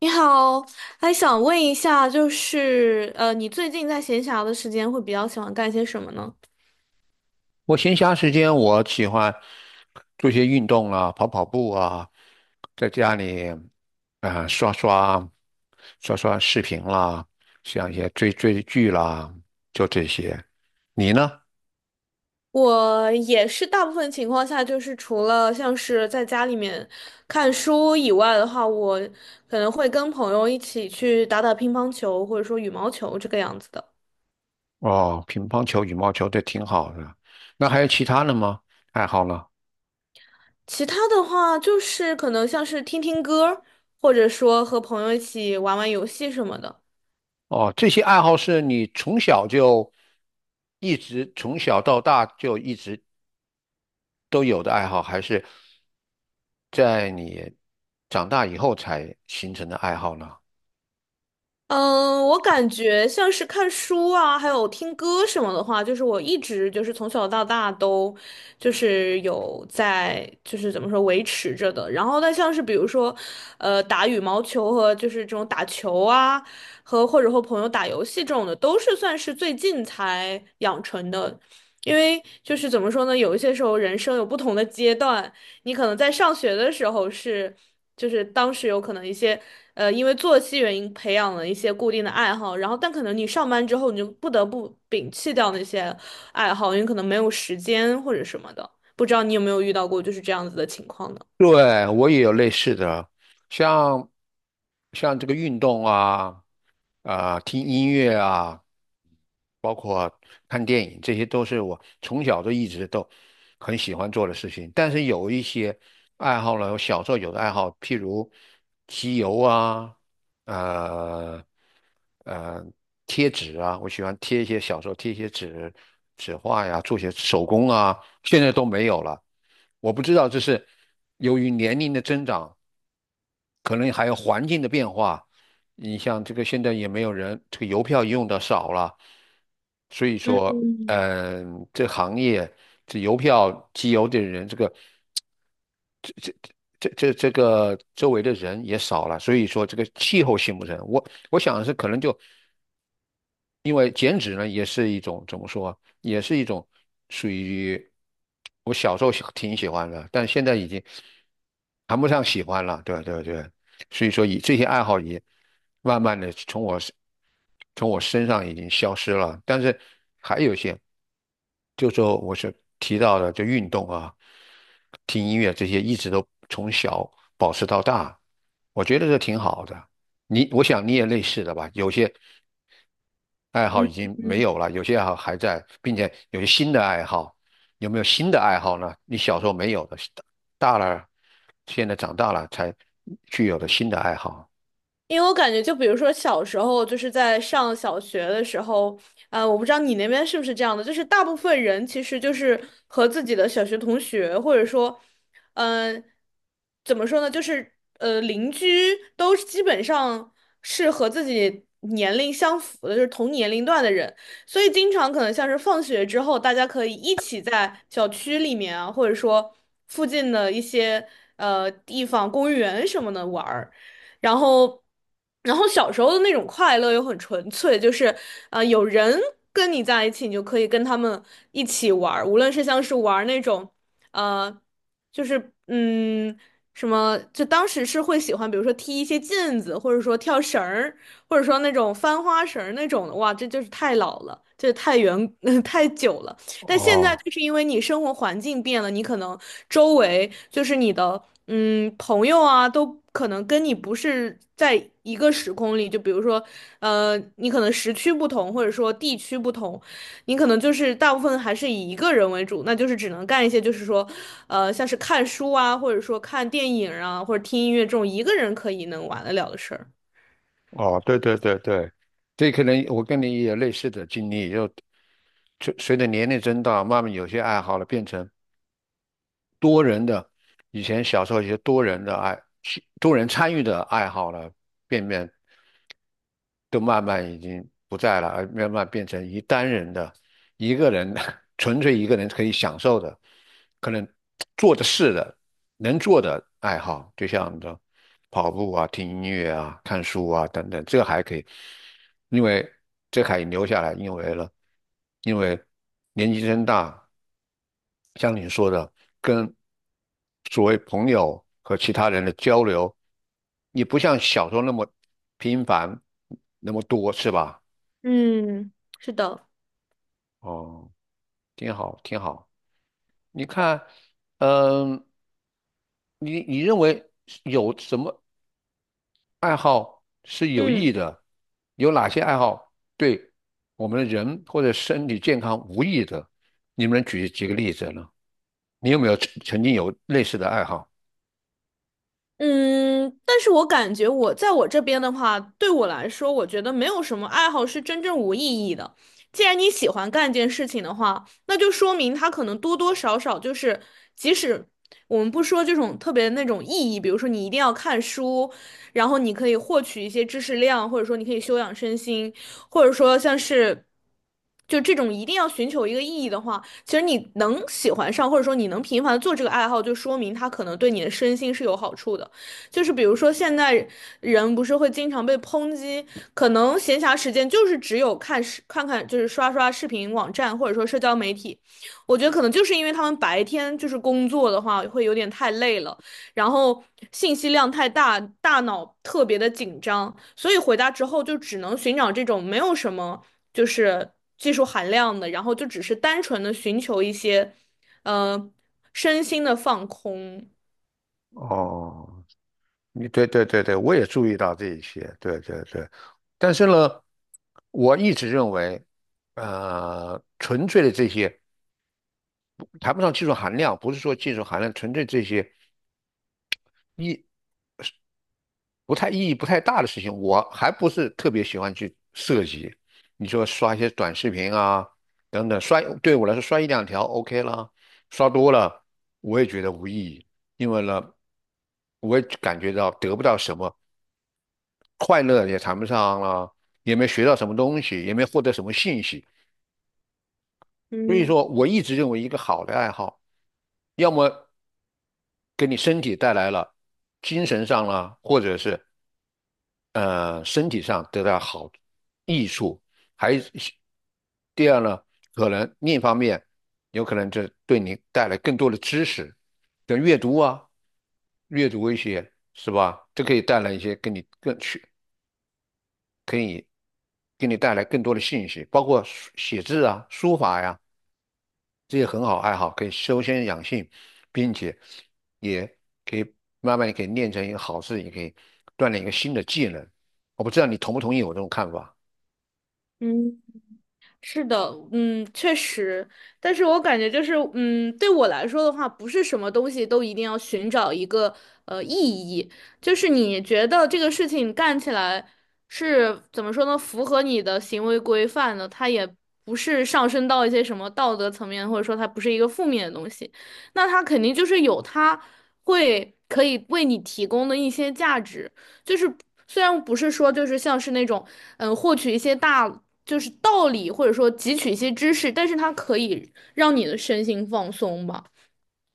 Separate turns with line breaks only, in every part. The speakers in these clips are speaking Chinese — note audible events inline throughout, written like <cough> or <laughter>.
你好，还想问一下，就是你最近在闲暇的时间会比较喜欢干些什么呢？
我闲暇时间，我喜欢做一些运动啊，跑跑步啊，在家里啊、刷刷视频啦，像一些追追剧啦，就这些。你呢？
我也是大部分情况下，就是除了像是在家里面看书以外的话，我可能会跟朋友一起去打打乒乓球或者说羽毛球这个样子的。
哦，乒乓球、羽毛球这挺好的。那还有其他的吗？爱好呢？
其他的话，就是可能像是听听歌，或者说和朋友一起玩玩游戏什么的。
哦，这些爱好是你从小就一直从小到大就一直都有的爱好，还是在你长大以后才形成的爱好呢？
嗯，我感觉像是看书啊，还有听歌什么的话，就是我一直就是从小到大都就是有在就是怎么说维持着的。然后但像是比如说，打羽毛球和就是这种打球啊，和或者和朋友打游戏这种的，都是算是最近才养成的。因为就是怎么说呢，有一些时候人生有不同的阶段，你可能在上学的时候是，就是当时有可能一些，因为作息原因培养了一些固定的爱好，然后但可能你上班之后你就不得不摒弃掉那些爱好，因为可能没有时间或者什么的。不知道你有没有遇到过就是这样子的情况呢？
对，我也有类似的，像像这个运动啊，啊、听音乐啊，包括看电影，这些都是我从小都一直都很喜欢做的事情。但是有一些爱好呢，我小时候有的爱好，譬如集邮啊，呃。呃贴纸啊，我喜欢贴一些小时候贴一些纸画呀，做些手工啊，现在都没有了。我不知道这是由于年龄的增长，可能还有环境的变化。你像这个现在也没有人，这个邮票用的少了，所以说，
嗯
嗯、这行业这邮票寄邮的人，这个这个周围的人也少了，所以说这个气候性不成。我想是可能就因为减脂呢，也是一种怎么说啊也是一种属于我小时候喜挺喜欢的，但现在已经谈不上喜欢了。对对对，所以说以这些爱好也慢慢的从我身上已经消失了。但是还有一些，就说我是提到的，就运动啊、听音乐这些，一直都从小保持到大，我觉得这挺好的。你，我想你也类似的吧？有些爱好
嗯。
已经没
嗯
有了，有些爱好还在，并且有些新的爱好。有没有新的爱好呢？你小时候没有的，大了，现在长大了才具有的新的爱好。
因为我感觉，就比如说小时候，就是在上小学的时候，我不知道你那边是不是这样的，就是大部分人其实就是和自己的小学同学，或者说，嗯、怎么说呢，就是邻居都基本上是和自己年龄相符的，就是同年龄段的人，所以经常可能像是放学之后，大家可以一起在小区里面啊，或者说附近的一些地方、公园什么的玩儿。然后，然后小时候的那种快乐又很纯粹，就是有人跟你在一起，你就可以跟他们一起玩儿，无论是像是玩儿那种呃，就是嗯。什么？就当时是会喜欢，比如说踢一些毽子，或者说跳绳儿，或者说那种翻花绳儿那种的，哇，这就是太老了，这太远，<laughs> 太久了。但现在
哦
就是因为你生活环境变了，你可能周围就是你的朋友啊，都可能跟你不是在一个时空里。就比如说，你可能时区不同，或者说地区不同，你可能就是大部分还是以一个人为主，那就是只能干一些就是说，像是看书啊，或者说看电影啊，或者听音乐这种一个人可以能玩得了的事儿。
哦，对对对对，这可能我跟你也有类似的经历，就随着年龄增大，慢慢有些爱好了变成多人的，以前小时候一些多人的爱，多人参与的爱好了，变变都慢慢已经不在了，而慢慢变成一单人的、一个人的 <laughs> 纯粹一个人可以享受的，可能做的事的、能做的爱好，就像的跑步啊、听音乐啊、看书啊等等，这还可以，因为这还留下来，因为了，因为年纪增大。像你说的，跟所谓朋友和其他人的交流，你不像小时候那么频繁，那么多，是吧？
嗯，是的。
哦，挺好，挺好。你看，嗯，你认为有什么爱好是有
嗯。
益的？有哪些爱好对我们的人或者身体健康无益的？你们能举几个例子呢？你有没有曾经有类似的爱好？
嗯，但是我感觉我在我这边的话，对我来说，我觉得没有什么爱好是真正无意义的。既然你喜欢干一件事情的话，那就说明它可能多多少少就是，即使我们不说这种特别那种意义，比如说你一定要看书，然后你可以获取一些知识量，或者说你可以修养身心，或者说像是。就这种一定要寻求一个意义的话，其实你能喜欢上，或者说你能频繁地做这个爱好，就说明它可能对你的身心是有好处的。就是比如说，现在人不是会经常被抨击，可能闲暇时间就是只有看视看看，就是刷刷视频网站或者说社交媒体。我觉得可能就是因为他们白天就是工作的话会有点太累了，然后信息量太大，大脑特别的紧张，所以回家之后就只能寻找这种没有什么就是技术含量的，然后就只是单纯的寻求一些，呃，身心的放空。
哦，你对对对对，我也注意到这一些，对对对。但是呢，我一直认为，纯粹的这些谈不上技术含量，不是说技术含量，纯粹这些意意义不太大的事情，我还不是特别喜欢去涉及。你说刷一些短视频啊，等等，刷对我来说刷一两条 OK 了，刷多了我也觉得无意义，因为呢，我也感觉到得不到什么。快乐也谈不上了，也没学到什么东西，也没获得什么信息。所以
嗯
说，我一直认为一个好的爱好，要么给你身体带来了精神上啦，或者是身体上得到好益处，还第二呢，可能另一方面有可能这对你带来更多的知识，像阅读啊，阅读一些是吧？这可以带来一些跟你更学可以给你带来更多的信息，包括书写字啊、书法呀、这些很好爱好，可以修身养性，并且也可以慢慢地可以练成一个好字，也可以锻炼一个新的技能。我不知道你同不同意我这种看法。
嗯，是的，嗯，确实，但是我感觉就是，嗯，对我来说的话，不是什么东西都一定要寻找一个意义，就是你觉得这个事情干起来是怎么说呢，符合你的行为规范的，它也不是上升到一些什么道德层面，或者说它不是一个负面的东西，那它肯定就是有它会可以为你提供的一些价值，就是虽然不是说就是像是那种。嗯，获取一些大就是道理，或者说汲取一些知识，但是它可以让你的身心放松吧。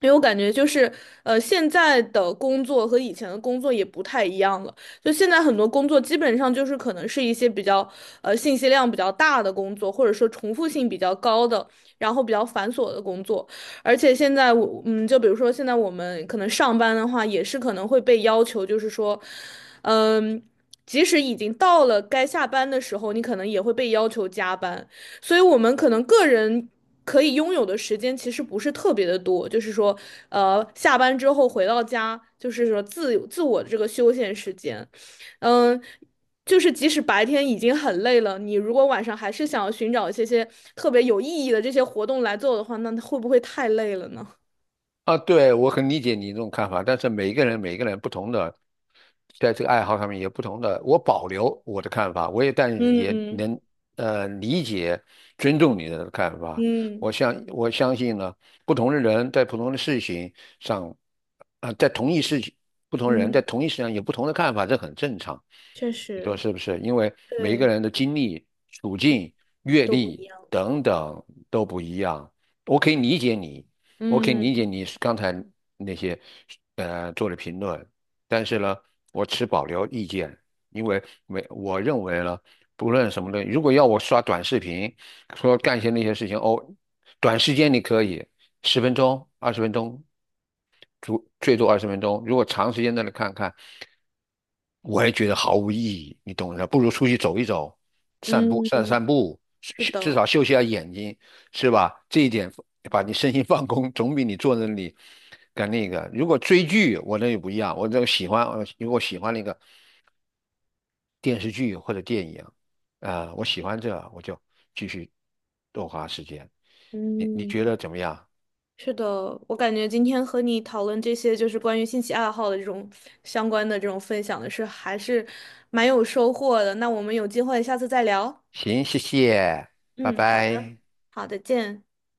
因为我感觉就是，现在的工作和以前的工作也不太一样了。就现在很多工作基本上就是可能是一些比较，信息量比较大的工作，或者说重复性比较高的，然后比较繁琐的工作。而且现在我，嗯，就比如说现在我们可能上班的话，也是可能会被要求，就是说，嗯，即使已经到了该下班的时候，你可能也会被要求加班。所以我们可能个人可以拥有的时间其实不是特别的多，就是说，下班之后回到家，就是说自自我的这个休闲时间，嗯。就是即使白天已经很累了，你如果晚上还是想要寻找一些些特别有意义的这些活动来做的话，那会不会太累了呢？
啊，对，我很理解你这种看法，但是每一个人不同的，在这个爱好上面也不同的，我保留我的看法，我也
<laughs>
但也
嗯
能理解尊重你的看法。
嗯
我相信呢，不同的人在不同的事情上，啊、在同一事情，不同人在
嗯，
同一事情上有不同的看法，这很正常。
确
你说
实，
是不是？因为每一个
对，
人的经历、处
嗯，
境、阅
都不一
历
样。
等等都不一样，我可以理解你。我可以
嗯
理解你刚才那些做的评论，但是呢，我持保留意见，因为没我认为呢，不论什么东西，如果要我刷短视频，说干些那些事情，哦，短时间你可以，十分钟、二十分钟最最多二十分钟。如果长时间在那看看，我也觉得毫无意义，你懂的。不如出去走一走，散步
嗯，
散散步，
是
至
的，
少休息下眼睛，是吧？这一点把你身心放空，总比你坐那里干那个。如果追剧，我那就不一样，我这个喜欢，如果喜欢那个电视剧或者电影，啊、我喜欢这，我就继续多花时间。你觉
嗯。
得怎么样？
是的，我感觉今天和你讨论这些就是关于兴趣爱好的这种相关的这种分享的是还是蛮有收获的。那我们有机会下次再聊。
行，谢谢，拜
嗯，好的，
拜。
好的，见。